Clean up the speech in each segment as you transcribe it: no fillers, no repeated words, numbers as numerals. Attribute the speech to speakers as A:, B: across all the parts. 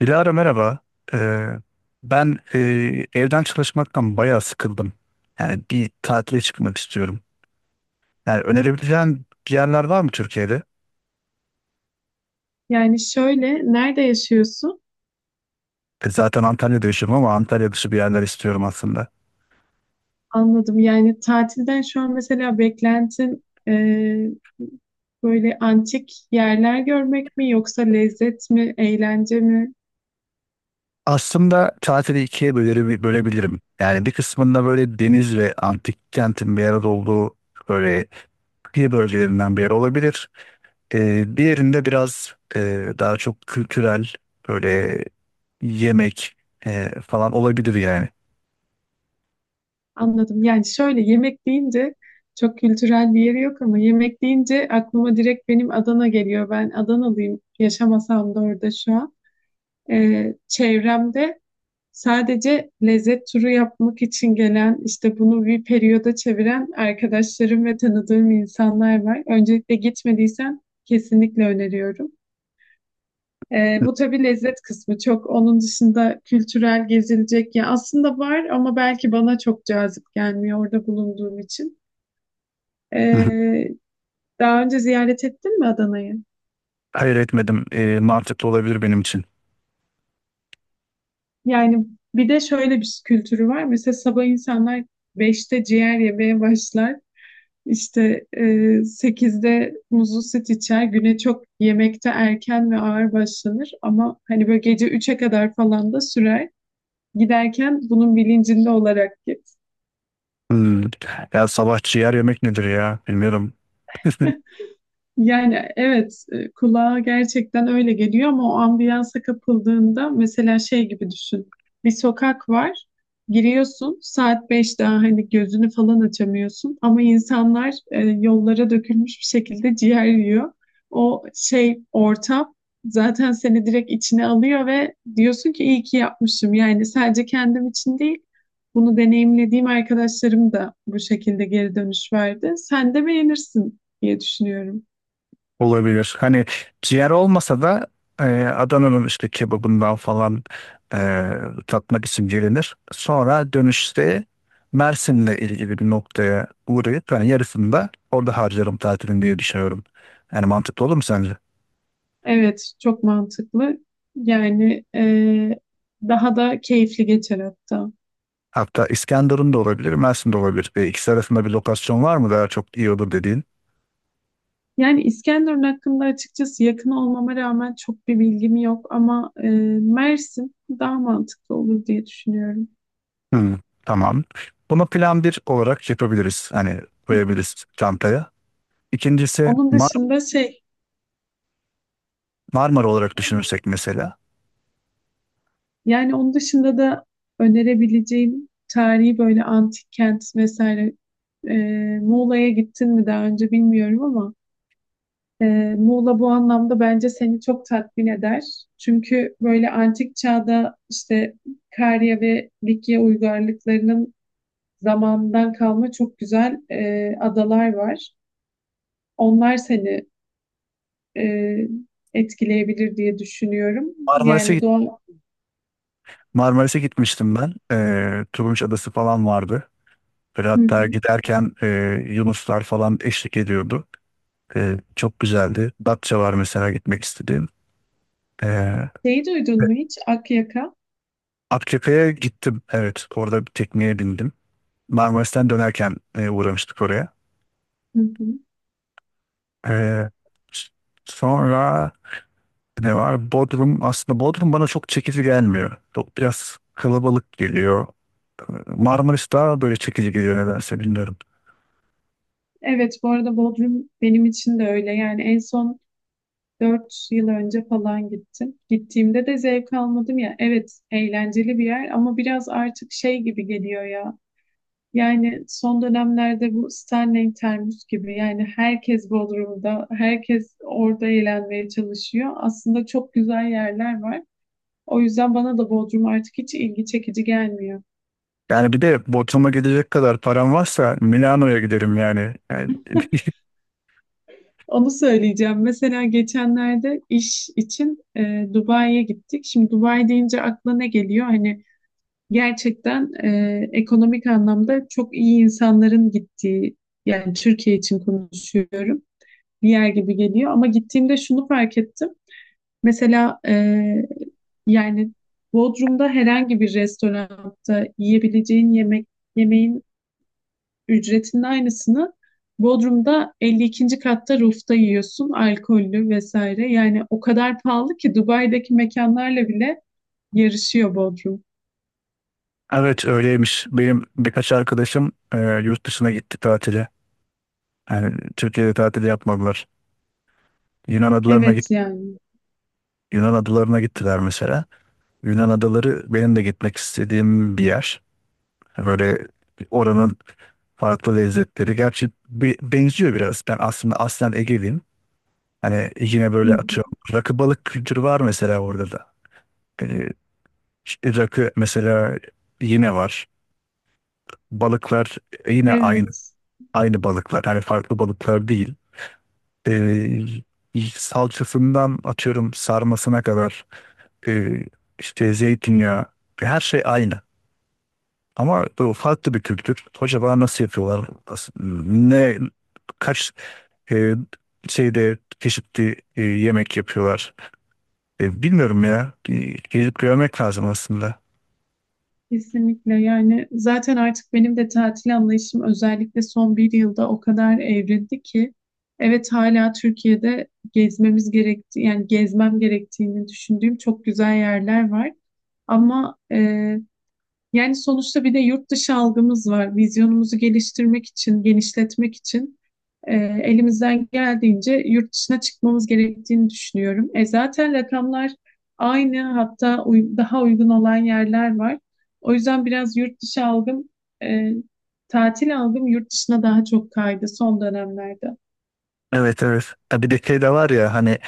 A: Dilara merhaba. Ee, ben evden çalışmaktan bayağı sıkıldım. Yani bir tatile çıkmak istiyorum. Yani önerebileceğin bir yerler var mı Türkiye'de?
B: Yani şöyle, nerede yaşıyorsun?
A: Zaten Antalya'da yaşıyorum ama Antalya dışı bir yerler istiyorum aslında.
B: Anladım. Yani tatilden şu an mesela beklentin böyle antik yerler görmek mi yoksa lezzet mi, eğlence mi?
A: Aslında tatili ikiye bölebilirim. Yani bir kısmında böyle deniz ve antik kentin bir arada olduğu böyle kıyı bölgelerinden bir yer olabilir. Bir yerinde biraz daha çok kültürel böyle yemek falan olabilir yani.
B: Anladım. Yani şöyle yemek deyince çok kültürel bir yeri yok ama yemek deyince aklıma direkt benim Adana geliyor. Ben Adanalıyım. Yaşamasam da orada şu an. Çevremde sadece lezzet turu yapmak için gelen, işte bunu bir periyoda çeviren arkadaşlarım ve tanıdığım insanlar var. Öncelikle gitmediysen kesinlikle öneriyorum. Bu tabii lezzet kısmı çok. Onun dışında kültürel gezilecek ya aslında var ama belki bana çok cazip gelmiyor orada bulunduğum için.
A: Hı hı.
B: Ee, Daha önce ziyaret ettin mi Adana'yı?
A: Hayır, etmedim. Mantıklı olabilir benim için.
B: Yani bir de şöyle bir kültürü var. Mesela sabah insanlar beşte ciğer yemeye başlar. İşte 8'de muzlu süt içer. Güne çok yemekte erken ve ağır başlanır ama hani böyle gece üçe kadar falan da sürer. Giderken bunun bilincinde olarak git.
A: Hmm. Ya sabah ciğer yemek nedir ya? Bilmiyorum.
B: Yani evet, kulağa gerçekten öyle geliyor ama o ambiyansa kapıldığında mesela şey gibi düşün. Bir sokak var. Giriyorsun saat beş, daha hani gözünü falan açamıyorsun ama insanlar yollara dökülmüş bir şekilde ciğer yiyor. O şey ortam zaten seni direkt içine alıyor ve diyorsun ki iyi ki yapmışım. Yani sadece kendim için değil, bunu deneyimlediğim arkadaşlarım da bu şekilde geri dönüş verdi. Sen de beğenirsin diye düşünüyorum.
A: Olabilir. Hani ciğer olmasa da Adana'nın işte kebabından falan e, tatmak için gelinir. Sonra dönüşte Mersin'le ilgili bir noktaya uğrayıp yani yarısını da orada harcarım tatilini diye düşünüyorum. Yani mantıklı olur mu sence?
B: Evet, çok mantıklı. Yani daha da keyifli geçer hatta.
A: Hatta İskenderun da olabilir, Mersin de olabilir. İkisi arasında bir lokasyon var mı daha çok iyi olur dediğin?
B: Yani İskenderun hakkında açıkçası yakın olmama rağmen çok bir bilgim yok ama Mersin daha mantıklı olur diye düşünüyorum.
A: Hmm, tamam. Bunu plan bir olarak yapabiliriz. Hani koyabiliriz çantaya. İkincisi
B: Onun dışında şey,
A: Marmara olarak düşünürsek mesela.
B: yani onun dışında da önerebileceğim tarihi böyle antik kent vesaire, e, Muğla'ya gittin mi daha önce bilmiyorum ama Muğla bu anlamda bence seni çok tatmin eder. Çünkü böyle antik çağda işte Karya ve Likya uygarlıklarının zamandan kalma çok güzel adalar var. Onlar seni e, etkileyebilir diye düşünüyorum.
A: Marmaris'e
B: Yani
A: git
B: doğal...
A: Marmaris'e gitmiştim ben. Turunç Adası falan vardı. Böyle
B: Hı
A: hatta
B: hı.
A: giderken Yunuslar falan eşlik ediyordu. Çok güzeldi. Datça var mesela gitmek istediğim. Ee,
B: Şeyi duydun mu hiç? Akyaka.
A: Akçakaya gittim. Evet, orada bir tekneye bindim. Marmaris'ten dönerken uğramıştık oraya.
B: Hı hı.
A: Ee, s- Sonra ne var? Bodrum. Aslında Bodrum bana çok çekici gelmiyor. Çok biraz kalabalık geliyor. Marmaris daha böyle çekici geliyor nedense bilmiyorum.
B: Evet, bu arada Bodrum benim için de öyle. Yani en son dört yıl önce falan gittim. Gittiğimde de zevk almadım ya. Evet, eğlenceli bir yer ama biraz artık şey gibi geliyor ya. Yani son dönemlerde bu Stanley Termus gibi, yani herkes Bodrum'da, herkes orada eğlenmeye çalışıyor. Aslında çok güzel yerler var. O yüzden bana da Bodrum artık hiç ilgi çekici gelmiyor.
A: Yani bir de Bodrum'a gidecek kadar param varsa Milano'ya giderim yani. Yani
B: Onu söyleyeceğim. Mesela geçenlerde iş için Dubai'ye gittik. Şimdi Dubai deyince aklına ne geliyor? Hani gerçekten ekonomik anlamda çok iyi insanların gittiği, yani Türkiye için konuşuyorum, bir yer gibi geliyor. Ama gittiğimde şunu fark ettim. Mesela yani Bodrum'da herhangi bir restoranda yiyebileceğin yemeğin ücretinin aynısını Bodrum'da 52. katta rooft'a yiyorsun, alkollü vesaire. Yani o kadar pahalı ki Dubai'deki mekanlarla bile yarışıyor Bodrum.
A: evet, öyleymiş. Benim birkaç arkadaşım yurt dışına gitti tatile. Yani Türkiye'de tatil yapmadılar. Yunan adalarına git
B: Evet yani.
A: Yunan adalarına gittiler mesela. Yunan adaları benim de gitmek istediğim bir yer. Hani böyle oranın farklı lezzetleri. Gerçi bir, benziyor biraz. Ben aslında aslen Ege'liyim. Hani yine
B: Hı
A: böyle
B: hı.
A: atıyorum. Rakı balık kültürü var mesela orada da. Ee, işte rakı mesela yine var. Balıklar yine aynı,
B: Evet,
A: aynı balıklar. Hani farklı balıklar değil. Salçasından atıyorum sarmasına kadar e, işte zeytinyağı, her şey aynı. Ama bu farklı bir kültür. Acaba nasıl yapıyorlar? Nasıl- Ne kaç e, şeyde çeşitli yemek yapıyorlar? Bilmiyorum ya. Gezip görmek lazım aslında.
B: kesinlikle. Yani zaten artık benim de tatil anlayışım özellikle son bir yılda o kadar evrildi ki evet, hala Türkiye'de gezmemiz gerektiği, yani gezmem gerektiğini düşündüğüm çok güzel yerler var. Ama yani sonuçta bir de yurt dışı algımız var. Vizyonumuzu geliştirmek için, genişletmek için elimizden geldiğince yurt dışına çıkmamız gerektiğini düşünüyorum. Zaten rakamlar aynı, hatta daha uygun olan yerler var. O yüzden biraz yurt dışı algım, e, tatil algım yurt dışına daha çok kaydı son dönemlerde.
A: Evet, evet. Ha, bir de şey de var ya hani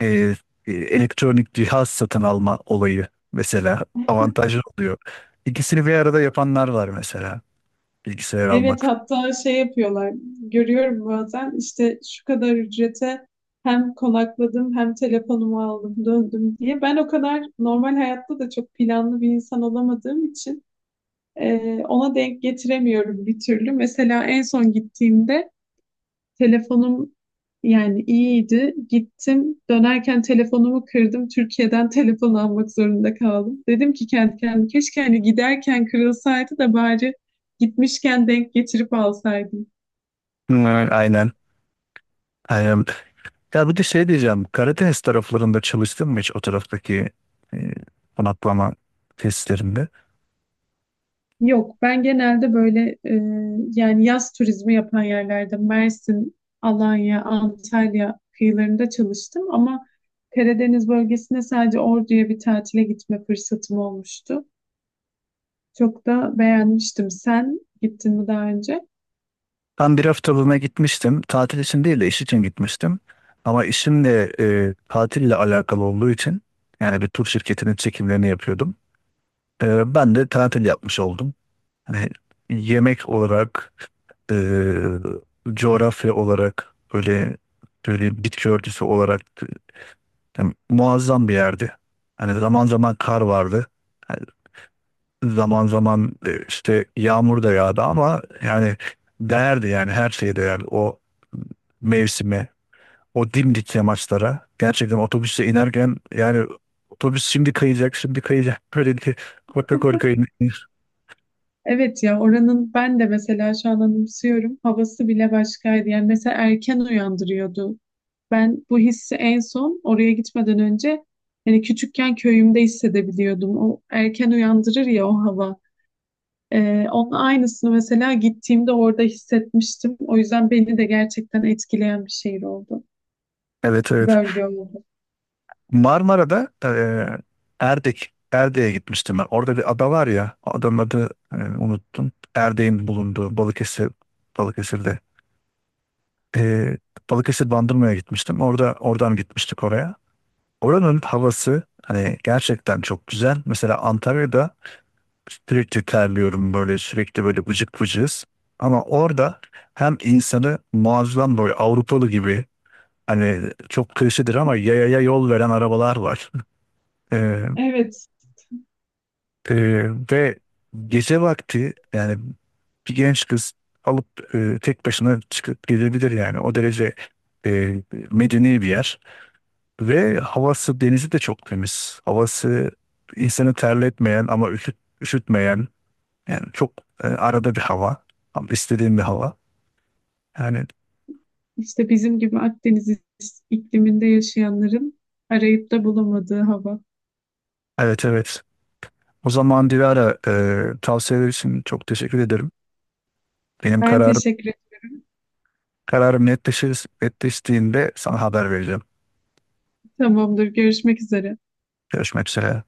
A: e, elektronik cihaz satın alma olayı mesela avantajlı oluyor. İkisini bir arada yapanlar var mesela. Bilgisayar
B: Evet
A: almak.
B: hatta şey yapıyorlar, görüyorum bazen, işte şu kadar ücrete hem konakladım hem telefonumu aldım döndüm diye. Ben o kadar normal hayatta da çok planlı bir insan olamadığım için e, ona denk getiremiyorum bir türlü. Mesela en son gittiğimde telefonum yani iyiydi. Gittim, dönerken telefonumu kırdım. Türkiye'den telefon almak zorunda kaldım. Dedim ki kendi kendime, keşke hani giderken kırılsaydı da bari gitmişken denk getirip alsaydım.
A: Hı, aynen. Aynen. Ya bir de şey diyeceğim. Karadeniz taraflarında çalıştım mı hiç o taraftaki e, konaklama testlerinde?
B: Yok, ben genelde böyle yani yaz turizmi yapan yerlerde, Mersin, Alanya, Antalya kıyılarında çalıştım ama Karadeniz bölgesine sadece Ordu'ya bir tatile gitme fırsatım olmuştu. Çok da beğenmiştim. Sen gittin mi daha önce?
A: Ben bir haftalığına gitmiştim. Tatil için değil de iş için gitmiştim. Ama işimle tatille alakalı olduğu için yani bir tur şirketinin çekimlerini yapıyordum. Ben de tatil yapmış oldum. Hani yemek olarak, e, coğrafya olarak, böyle böyle bitki örtüsü olarak yani muazzam bir yerdi. Hani zaman zaman kar vardı. Zaman zaman işte yağmur da yağdı ama yani değerdi yani her şeye değerdi. O mevsime, o dimdik yamaçlara gerçekten otobüse inerken yani otobüs şimdi kayacak, şimdi kayacak. Böyle ki korka korka in-
B: Evet ya, oranın ben de mesela şu an anımsıyorum. Havası bile başkaydı. Yani mesela erken uyandırıyordu. Ben bu hissi en son oraya gitmeden önce, yani küçükken köyümde hissedebiliyordum. O erken uyandırır ya o hava. Onun aynısını mesela gittiğimde orada hissetmiştim. O yüzden beni de gerçekten etkileyen bir şehir oldu.
A: Evet, evet.
B: Bölge oldu.
A: Marmara'da Erdek'e gitmiştim ben. Orada bir ada var ya, adanın adı unuttum. Erdek'in bulunduğu Balıkesir, Balıkesir'de. E, Balıkesir Bandırma'ya gitmiştim. Oradan gitmiştik oraya. Oranın havası hani gerçekten çok güzel. Mesela Antalya'da sürekli terliyorum böyle sürekli böyle vıcık vıcız. Ama orada hem insanı muazzam böyle Avrupalı gibi, hani çok klişedir ama, yayaya yol veren arabalar var. Ee,
B: Evet,
A: e, ve gece vakti yani bir genç kız alıp tek başına çıkıp gidebilir yani. O derece e, medeni bir yer. Ve havası, denizi de çok temiz. Havası insanı terletmeyen ama üşütmeyen. Yani çok arada bir hava. Ama istediğim bir hava. Yani
B: işte bizim gibi Akdeniz ikliminde yaşayanların arayıp da bulamadığı hava.
A: evet, evet. O zaman Dilara, tavsiyeler için çok teşekkür ederim. Benim
B: Ben
A: kararım
B: teşekkür ederim.
A: kararım netleşir, netleştiğinde sana haber vereceğim.
B: Tamamdır. Görüşmek üzere.
A: Görüşmek üzere.